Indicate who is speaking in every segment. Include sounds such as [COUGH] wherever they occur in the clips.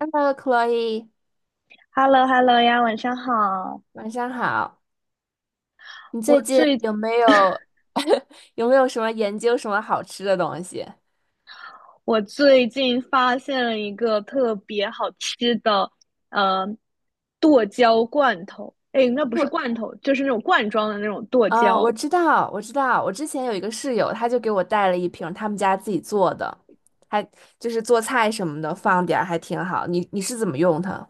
Speaker 1: Hello，Chloe，
Speaker 2: h e l l o h e l l o 呀，晚上好。
Speaker 1: 晚上好。你最
Speaker 2: 我
Speaker 1: 近
Speaker 2: 最
Speaker 1: [LAUGHS] 有没有什么研究什么好吃的东西？
Speaker 2: 我最近发现了一个特别好吃的，呃，剁椒罐头。哎，那不是
Speaker 1: 对，
Speaker 2: 罐头，就是那种罐装的那种剁
Speaker 1: 哦，我
Speaker 2: 椒。
Speaker 1: 知道，我知道，我之前有一个室友，他就给我带了一瓶他们家自己做的，还就是做菜什么的，放点儿还挺好。你是怎么用它？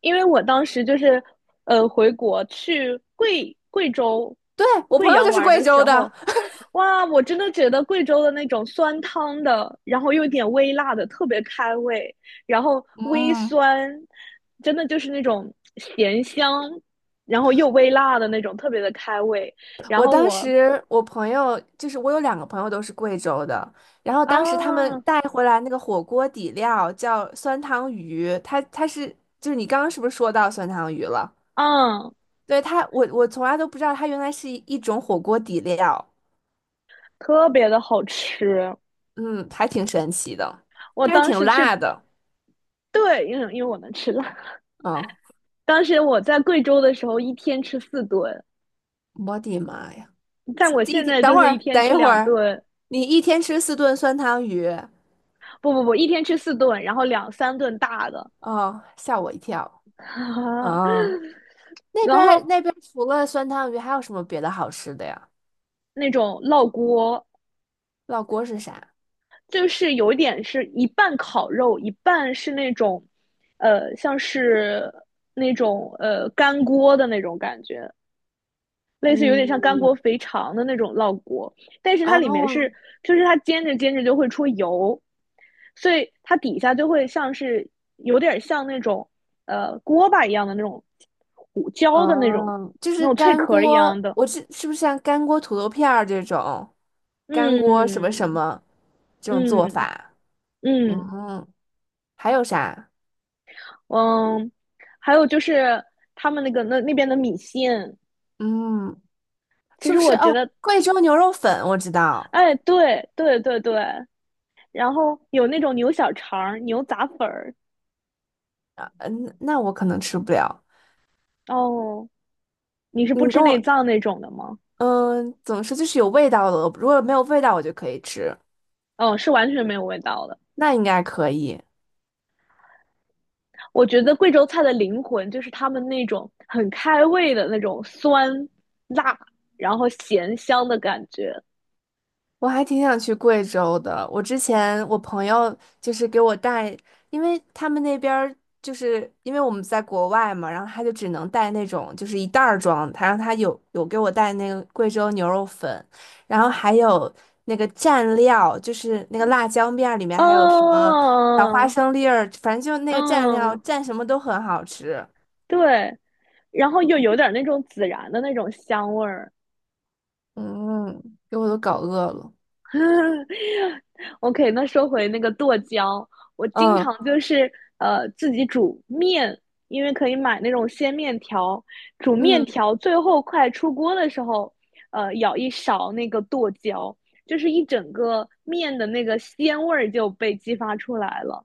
Speaker 2: 因为我当时就是回国去贵州
Speaker 1: 对，我朋
Speaker 2: 贵
Speaker 1: 友
Speaker 2: 阳
Speaker 1: 就是
Speaker 2: 玩
Speaker 1: 贵
Speaker 2: 的
Speaker 1: 州
Speaker 2: 时候，
Speaker 1: 的，
Speaker 2: 哇，我真的觉得贵州的那种酸汤的，然后又有点微辣的，特别开胃，然后
Speaker 1: [LAUGHS]
Speaker 2: 微
Speaker 1: 嗯，
Speaker 2: 酸，真的就是那种咸香，然后又微辣的那种，特别的开胃。然
Speaker 1: 我
Speaker 2: 后
Speaker 1: 当
Speaker 2: 我
Speaker 1: 时我有两个朋友都是贵州的，然后当时他们
Speaker 2: 啊，
Speaker 1: 带回来那个火锅底料叫酸汤鱼，它它是就是你刚刚是不是说到酸汤鱼了？
Speaker 2: 啊，
Speaker 1: 对它，我从来都不知道它原来是一种火锅底料，
Speaker 2: 特别的好吃。
Speaker 1: 嗯，还挺神奇的，
Speaker 2: 我
Speaker 1: 但是
Speaker 2: 当
Speaker 1: 挺
Speaker 2: 时去，
Speaker 1: 辣的，
Speaker 2: 对，因为我能吃辣，
Speaker 1: 嗯，
Speaker 2: 当时我在贵州的时候，一天吃四顿，
Speaker 1: 我的妈呀！
Speaker 2: 但我
Speaker 1: 这一
Speaker 2: 现
Speaker 1: 天，
Speaker 2: 在就是一天
Speaker 1: 等
Speaker 2: 吃
Speaker 1: 一会
Speaker 2: 两
Speaker 1: 儿，
Speaker 2: 顿，
Speaker 1: 你一天吃四顿酸汤鱼，
Speaker 2: 不不不，一天吃四顿，然后两三顿大的，
Speaker 1: 哦，吓我一跳。啊，
Speaker 2: [LAUGHS]
Speaker 1: 那
Speaker 2: 然
Speaker 1: 边儿
Speaker 2: 后
Speaker 1: 那边儿除了酸汤鱼，还有什么别的好吃的呀？
Speaker 2: 那种烙锅，
Speaker 1: 烙锅是啥？
Speaker 2: 就是有一点是一半烤肉，一半是那种，像是那种干锅的那种感觉，类似有点像干
Speaker 1: 嗯，
Speaker 2: 锅肥肠的那种烙锅，但是它里面
Speaker 1: 哦
Speaker 2: 是，就是它煎着煎着就会出油，所以它底下就会像是有点像那种锅巴一样的那种糊焦的那种
Speaker 1: 哦，就
Speaker 2: 那
Speaker 1: 是
Speaker 2: 种脆
Speaker 1: 干
Speaker 2: 壳一
Speaker 1: 锅，
Speaker 2: 样的，
Speaker 1: 是不是像干锅土豆片儿这种，干锅什么什
Speaker 2: 嗯。
Speaker 1: 么这种做
Speaker 2: 嗯
Speaker 1: 法？嗯
Speaker 2: 嗯
Speaker 1: 哼，还有啥？
Speaker 2: 嗯，还有就是他们那个那边的米线，
Speaker 1: 嗯，
Speaker 2: 其
Speaker 1: 是
Speaker 2: 实
Speaker 1: 不是？
Speaker 2: 我觉
Speaker 1: 哦，
Speaker 2: 得，
Speaker 1: 贵州牛肉粉我知道。
Speaker 2: 哎，对对对对，然后有那种牛小肠儿、牛杂粉儿，
Speaker 1: 嗯，那我可能吃不了。
Speaker 2: 哦。你是不
Speaker 1: 你
Speaker 2: 吃
Speaker 1: 跟
Speaker 2: 内
Speaker 1: 我，
Speaker 2: 脏那种的吗？
Speaker 1: 嗯，怎么说？就是有味道的，如果没有味道我就可以吃，
Speaker 2: 嗯，是完全没有味道的。
Speaker 1: 那应该可以。
Speaker 2: 我觉得贵州菜的灵魂就是他们那种很开胃的那种酸、辣，然后咸香的感觉。
Speaker 1: 我还挺想去贵州的。我之前我朋友就是给我带，因为他们那边儿就是因为我们在国外嘛，然后他就只能带那种就是一袋儿装，他让他有给我带那个贵州牛肉粉，然后还有那个蘸料，就是那个辣椒面儿里面还有什么小花
Speaker 2: 嗯。
Speaker 1: 生粒儿，反正就那个蘸料
Speaker 2: 嗯，
Speaker 1: 蘸什么都很好吃。
Speaker 2: 对，然后又有点那种孜然的那种香味儿。
Speaker 1: 嗯，给我都搞饿了。
Speaker 2: [LAUGHS] OK,那说回那个剁椒，我经
Speaker 1: 嗯
Speaker 2: 常就是自己煮面，因为可以买那种鲜面条，煮面
Speaker 1: 嗯。
Speaker 2: 条最后快出锅的时候，舀一勺那个剁椒，就是一整个面的那个鲜味儿就被激发出来了。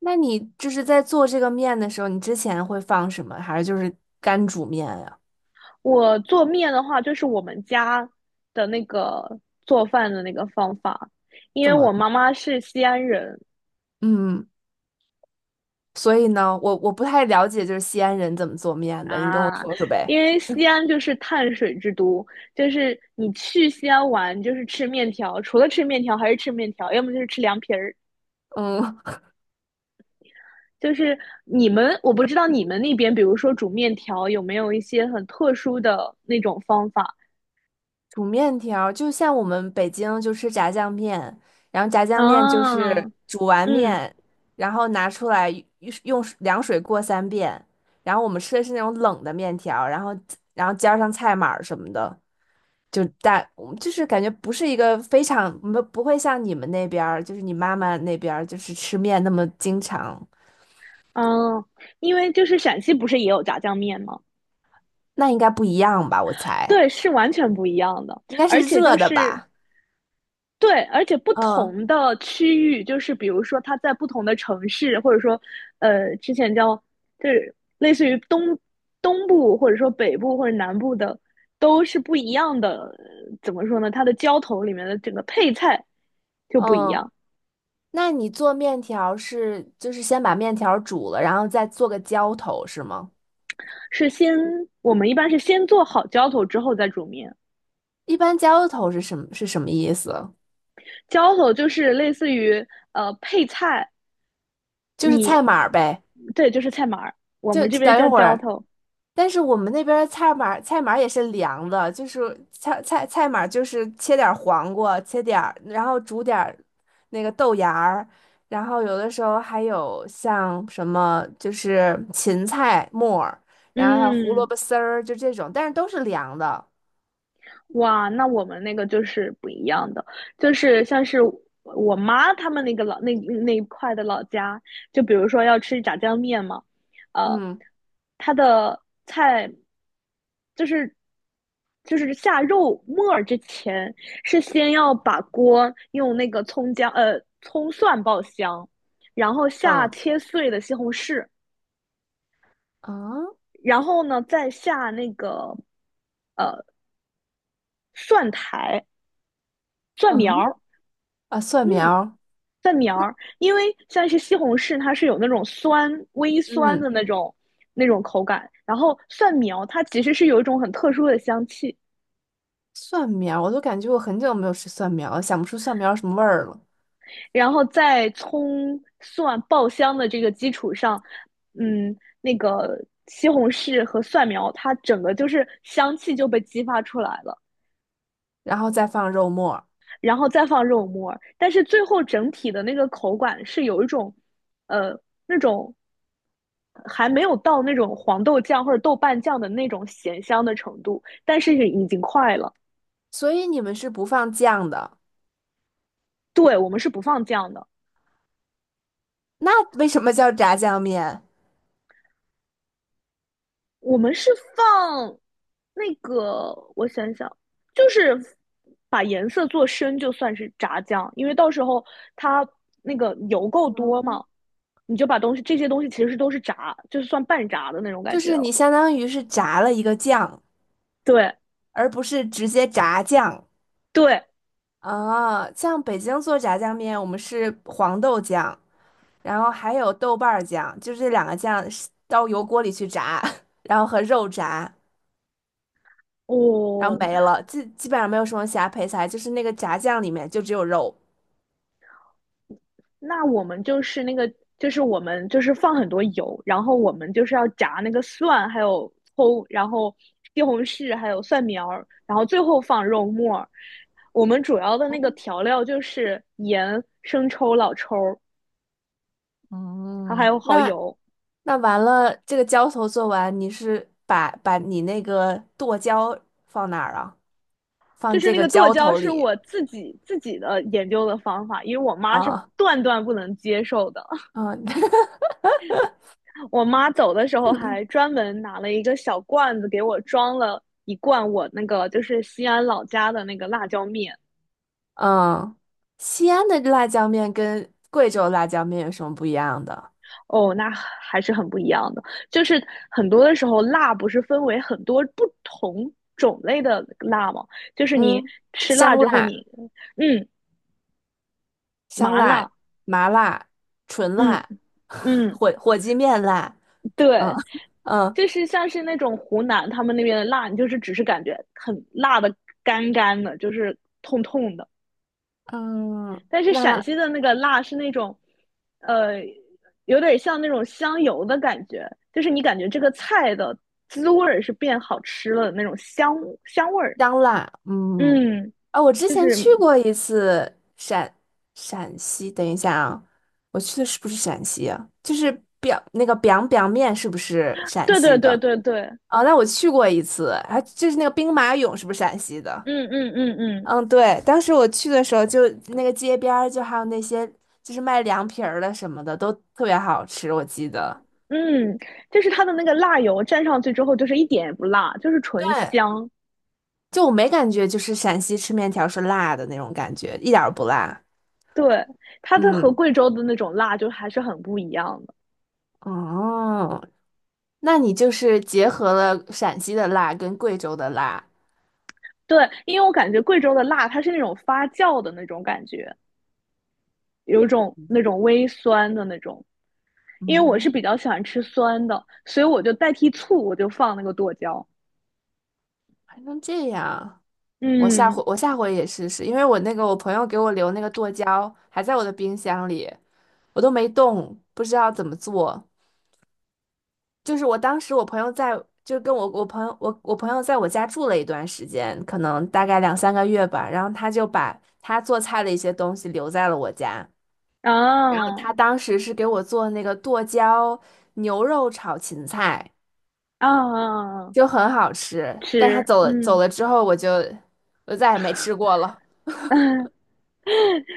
Speaker 1: 那你就是在做这个面的时候，你之前会放什么？还是就是干煮面呀？
Speaker 2: 我做面的话，就是我们家的那个做饭的那个方法，因为
Speaker 1: 怎
Speaker 2: 我
Speaker 1: 么？
Speaker 2: 妈妈是西安人。
Speaker 1: 嗯，所以呢，我不太了解，就是西安人怎么做面的，你跟我
Speaker 2: 啊，
Speaker 1: 说说呗。
Speaker 2: 因为西安就是碳水之都，就是你去西安玩就是吃面条，除了吃面条还是吃面条，要么就是吃凉皮儿。
Speaker 1: 嗯，
Speaker 2: 就是你们，我不知道你们那边，比如说煮面条有没有一些很特殊的那种方法
Speaker 1: [LAUGHS] 煮面条儿就像我们北京就吃炸酱面，然后炸酱面就
Speaker 2: 啊？
Speaker 1: 是煮完
Speaker 2: 嗯。
Speaker 1: 面，然后拿出来用用水凉水过三遍，然后我们吃的是那种冷的面条儿然后加上菜码儿什么的。就大，嗯就是感觉不是一个非常，不会像你们那边儿，就是你妈妈那边儿，就是吃面那么经常，
Speaker 2: 嗯，因为就是陕西不是也有炸酱面吗？
Speaker 1: 那应该不一样吧？我猜
Speaker 2: 对，是完全不一样的，
Speaker 1: 应该是
Speaker 2: 而且就
Speaker 1: 热的
Speaker 2: 是
Speaker 1: 吧？
Speaker 2: 对，而且不
Speaker 1: 嗯
Speaker 2: 同的区域，就是比如说它在不同的城市，或者说，之前叫就是类似于东部，或者说北部或者南部的，都是不一样的。怎么说呢？它的浇头里面的整个配菜就不一
Speaker 1: 嗯，
Speaker 2: 样。
Speaker 1: 那你做面条是就是先把面条煮了，然后再做个浇头是吗？
Speaker 2: 是先我们一般是先做好浇头之后再煮面。
Speaker 1: 一般浇头是什么意思？
Speaker 2: 浇头就是类似于配菜，
Speaker 1: 就是
Speaker 2: 你
Speaker 1: 菜码儿呗，
Speaker 2: 对，就是菜码儿，我
Speaker 1: 就
Speaker 2: 们这
Speaker 1: 就
Speaker 2: 边
Speaker 1: 等一
Speaker 2: 叫
Speaker 1: 会
Speaker 2: 浇
Speaker 1: 儿。
Speaker 2: 头。
Speaker 1: 但是我们那边儿菜码也是凉的，就是菜码就是切点儿黄瓜，切点儿，然后煮点儿那个豆芽儿，然后有的时候还有像什么就是芹菜末儿，然后还有胡萝
Speaker 2: 嗯。
Speaker 1: 卜丝儿，就这种，但是都是凉的。
Speaker 2: 哇，那我们那个就是不一样的，就是像是我妈他们那个老那那一块的老家，就比如说要吃炸酱面嘛，呃，
Speaker 1: 嗯
Speaker 2: 它的菜就是就是下肉末儿之前，是先要把锅用那个葱蒜爆香，然后下
Speaker 1: 嗯
Speaker 2: 切碎的西红柿，
Speaker 1: 嗯
Speaker 2: 然后呢再下那个蒜苔蒜
Speaker 1: 嗯。
Speaker 2: 苗儿，
Speaker 1: 啊，蒜
Speaker 2: 嗯，
Speaker 1: 苗儿。
Speaker 2: 蒜苗儿，因为像是西红柿，它是有那种酸、微酸
Speaker 1: 嗯，
Speaker 2: 的那种口感。然后蒜苗它其实是有一种很特殊的香气，
Speaker 1: 蒜苗儿我都感觉我很久没有吃蒜苗了，想不出蒜苗儿什么味儿了，
Speaker 2: 然后在葱蒜爆香的这个基础上，嗯，那个西红柿和蒜苗它整个就是香气就被激发出来了，
Speaker 1: 然后再放肉末儿。
Speaker 2: 然后再放肉末儿。但是最后整体的那个口感是有一种，呃，那种还没有到那种黄豆酱或者豆瓣酱的那种咸香的程度，但是已经快了。
Speaker 1: 所以你们是不放酱的。
Speaker 2: 对，我们是不放酱的。
Speaker 1: 那为什么叫炸酱面？
Speaker 2: 我们是放那个，我想想，就是把颜色做深，就算是炸酱，因为到时候它那个油够多嘛，你就把这些东西其实都是炸，就是算半炸的那种
Speaker 1: 就
Speaker 2: 感觉
Speaker 1: 是你
Speaker 2: 了。
Speaker 1: 相当于是炸了一个酱，
Speaker 2: 对
Speaker 1: 而不是直接炸酱
Speaker 2: 对，
Speaker 1: 啊。像北京做炸酱面，我们是黄豆酱，然后还有豆瓣儿酱，就是这两个酱是到油锅里去炸，[LAUGHS] 然后和肉炸，然后
Speaker 2: 哦，
Speaker 1: 没了，基本上没有什么其他配菜，就是那个炸酱里面就只有肉。
Speaker 2: 那我们就是那个，就是我们就是放很多油，然后我们就是要炸那个蒜，还有葱，然后西红柿，还有蒜苗，然后最后放肉末。我们主要的那个调料就是盐、生抽、老抽儿，还有蚝
Speaker 1: 那
Speaker 2: 油。
Speaker 1: 那完了，这个浇头做完，你是把你那个剁椒放哪儿啊？放
Speaker 2: 就是
Speaker 1: 这
Speaker 2: 那
Speaker 1: 个
Speaker 2: 个剁
Speaker 1: 浇
Speaker 2: 椒
Speaker 1: 头
Speaker 2: 是
Speaker 1: 里。
Speaker 2: 我自己研究的方法，因为我妈是
Speaker 1: 啊，
Speaker 2: 断断不能接受的。
Speaker 1: 嗯 [LAUGHS]
Speaker 2: 我妈走的时候还专门拿了一个小罐子给我装了一罐我那个就是西安老家的那个辣椒面。
Speaker 1: 嗯，西安的辣椒面跟贵州辣椒面有什么不一样的？
Speaker 2: 哦，那还是很不一样的。就是很多的时候，辣不是分为很多不同种类的辣吗？就是你
Speaker 1: 嗯，
Speaker 2: 吃辣
Speaker 1: 香
Speaker 2: 之后
Speaker 1: 辣、
Speaker 2: 你，嗯，
Speaker 1: 香
Speaker 2: 麻
Speaker 1: 辣、
Speaker 2: 辣，
Speaker 1: 麻辣、纯
Speaker 2: 嗯。
Speaker 1: 辣、[LAUGHS]
Speaker 2: 嗯，
Speaker 1: 火鸡面辣，嗯
Speaker 2: 对，
Speaker 1: 嗯
Speaker 2: 就是像是那种湖南他们那边的辣，你就是只是感觉很辣的干干的，就是痛痛的。
Speaker 1: 嗯，
Speaker 2: 但是陕
Speaker 1: 那
Speaker 2: 西的那个辣是那种，呃，有点像那种香油的感觉，就是你感觉这个菜的滋味儿是变好吃了的那种香味儿。
Speaker 1: 香辣，嗯。
Speaker 2: 嗯，
Speaker 1: 啊，我之
Speaker 2: 就
Speaker 1: 前
Speaker 2: 是
Speaker 1: 去过一次陕西，等一下啊，我去的是不是陕西啊？就是表那个 biang biang 面是不是陕
Speaker 2: 对对
Speaker 1: 西的？
Speaker 2: 对对对，
Speaker 1: 哦，那我去过一次，还就是那个兵马俑，是不是陕西的？
Speaker 2: 嗯。嗯嗯嗯，
Speaker 1: 嗯，对，当时我去的时候就，那个街边儿就还有那些就是卖凉皮儿的什么的，都特别好吃，我记得。
Speaker 2: 嗯，就是它的那个辣油蘸上去之后，就是一点也不辣，就是纯
Speaker 1: 对，
Speaker 2: 香。
Speaker 1: 就我没感觉就是陕西吃面条是辣的那种感觉，一点儿不辣。
Speaker 2: 对，它的和
Speaker 1: 嗯，
Speaker 2: 贵州的那种辣就还是很不一样的。
Speaker 1: 哦，那你就是结合了陕西的辣跟贵州的辣，
Speaker 2: 对，因为我感觉贵州的辣它是那种发酵的那种感觉，有种那种微酸的那种。因为我是比较喜欢吃酸的，所以我就代替醋，我就放那个剁椒。
Speaker 1: 还能这样。我下
Speaker 2: 嗯，
Speaker 1: 回我下回也试试，因为我那个我朋友给我留那个剁椒还在我的冰箱里，我都没动，不知道怎么做。就是我当时我朋友在，就跟我我朋友我我朋友在我家住了一段时间，可能大概两三个月吧，然后他就把他做菜的一些东西留在了我家，然后
Speaker 2: 啊，
Speaker 1: 他当时是给我做那个剁椒牛肉炒芹菜，
Speaker 2: 啊，
Speaker 1: 就很好吃，但他
Speaker 2: 吃，
Speaker 1: 走了走
Speaker 2: 嗯。
Speaker 1: 了之后，我再也没吃过了，
Speaker 2: [LAUGHS]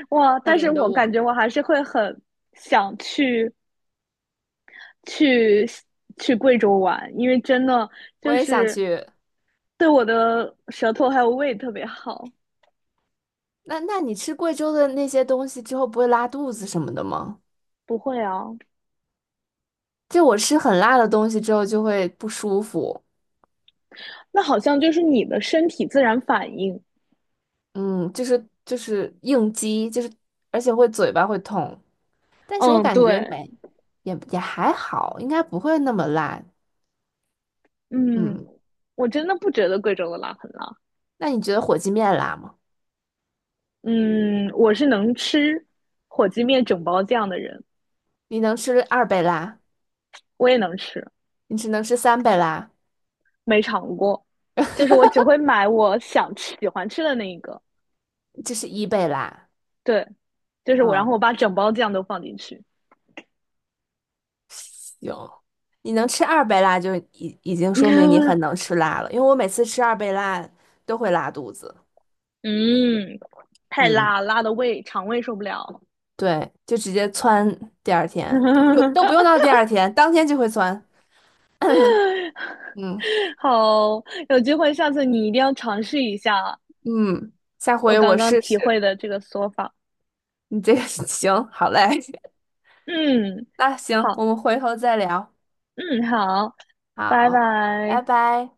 Speaker 2: 哇！
Speaker 1: 可
Speaker 2: 但是
Speaker 1: 怜的
Speaker 2: 我感
Speaker 1: 我。
Speaker 2: 觉我还是会很想去去贵州玩，因为真的
Speaker 1: 我
Speaker 2: 就
Speaker 1: 也想
Speaker 2: 是
Speaker 1: 去。
Speaker 2: 对我的舌头还有胃特别好。
Speaker 1: 那你吃贵州的那些东西之后，不会拉肚子什么的吗？
Speaker 2: 不会啊，
Speaker 1: 就我吃很辣的东西之后就会不舒服，
Speaker 2: 那好像就是你的身体自然反应。
Speaker 1: 嗯，就是应激，就是而且会嘴巴会痛。但是我
Speaker 2: 嗯，
Speaker 1: 感觉
Speaker 2: 对，
Speaker 1: 没，也还好，应该不会那么辣。
Speaker 2: 嗯，
Speaker 1: 嗯，
Speaker 2: 我真的不觉得贵州的辣很辣。
Speaker 1: 那你觉得火鸡面辣吗？
Speaker 2: 嗯，我是能吃火鸡面整包酱的人，
Speaker 1: 你能吃二倍辣？
Speaker 2: 我也能吃，
Speaker 1: 你只能吃三倍辣，
Speaker 2: 没尝过，就是我只
Speaker 1: [LAUGHS]
Speaker 2: 会买我想吃喜欢吃的那一个。
Speaker 1: 就是一倍辣。
Speaker 2: 对，就是我，然后
Speaker 1: 嗯，
Speaker 2: 我把整包酱都放进去。
Speaker 1: 行，你能吃二倍辣就已经说明你很能
Speaker 2: [LAUGHS]
Speaker 1: 吃辣了，因为我每次吃二倍辣都会拉肚子。
Speaker 2: 嗯，太
Speaker 1: 嗯，
Speaker 2: 辣，辣的肠胃受不了。
Speaker 1: 对，就直接窜第二天，都不用
Speaker 2: [LAUGHS]
Speaker 1: 到第二天，当天就会窜。[CLEARS THROAT] 嗯
Speaker 2: 好，有机会下次你一定要尝试一下
Speaker 1: 嗯，下
Speaker 2: 我
Speaker 1: 回
Speaker 2: 刚
Speaker 1: 我
Speaker 2: 刚
Speaker 1: 试
Speaker 2: 体
Speaker 1: 试。
Speaker 2: 会的这个说法。
Speaker 1: 你这个 [LAUGHS] 行，好嘞，
Speaker 2: 嗯，
Speaker 1: [LAUGHS] 那行，
Speaker 2: 好，
Speaker 1: 我们回头再聊。
Speaker 2: 嗯，好，拜
Speaker 1: 好，拜
Speaker 2: 拜。
Speaker 1: 拜。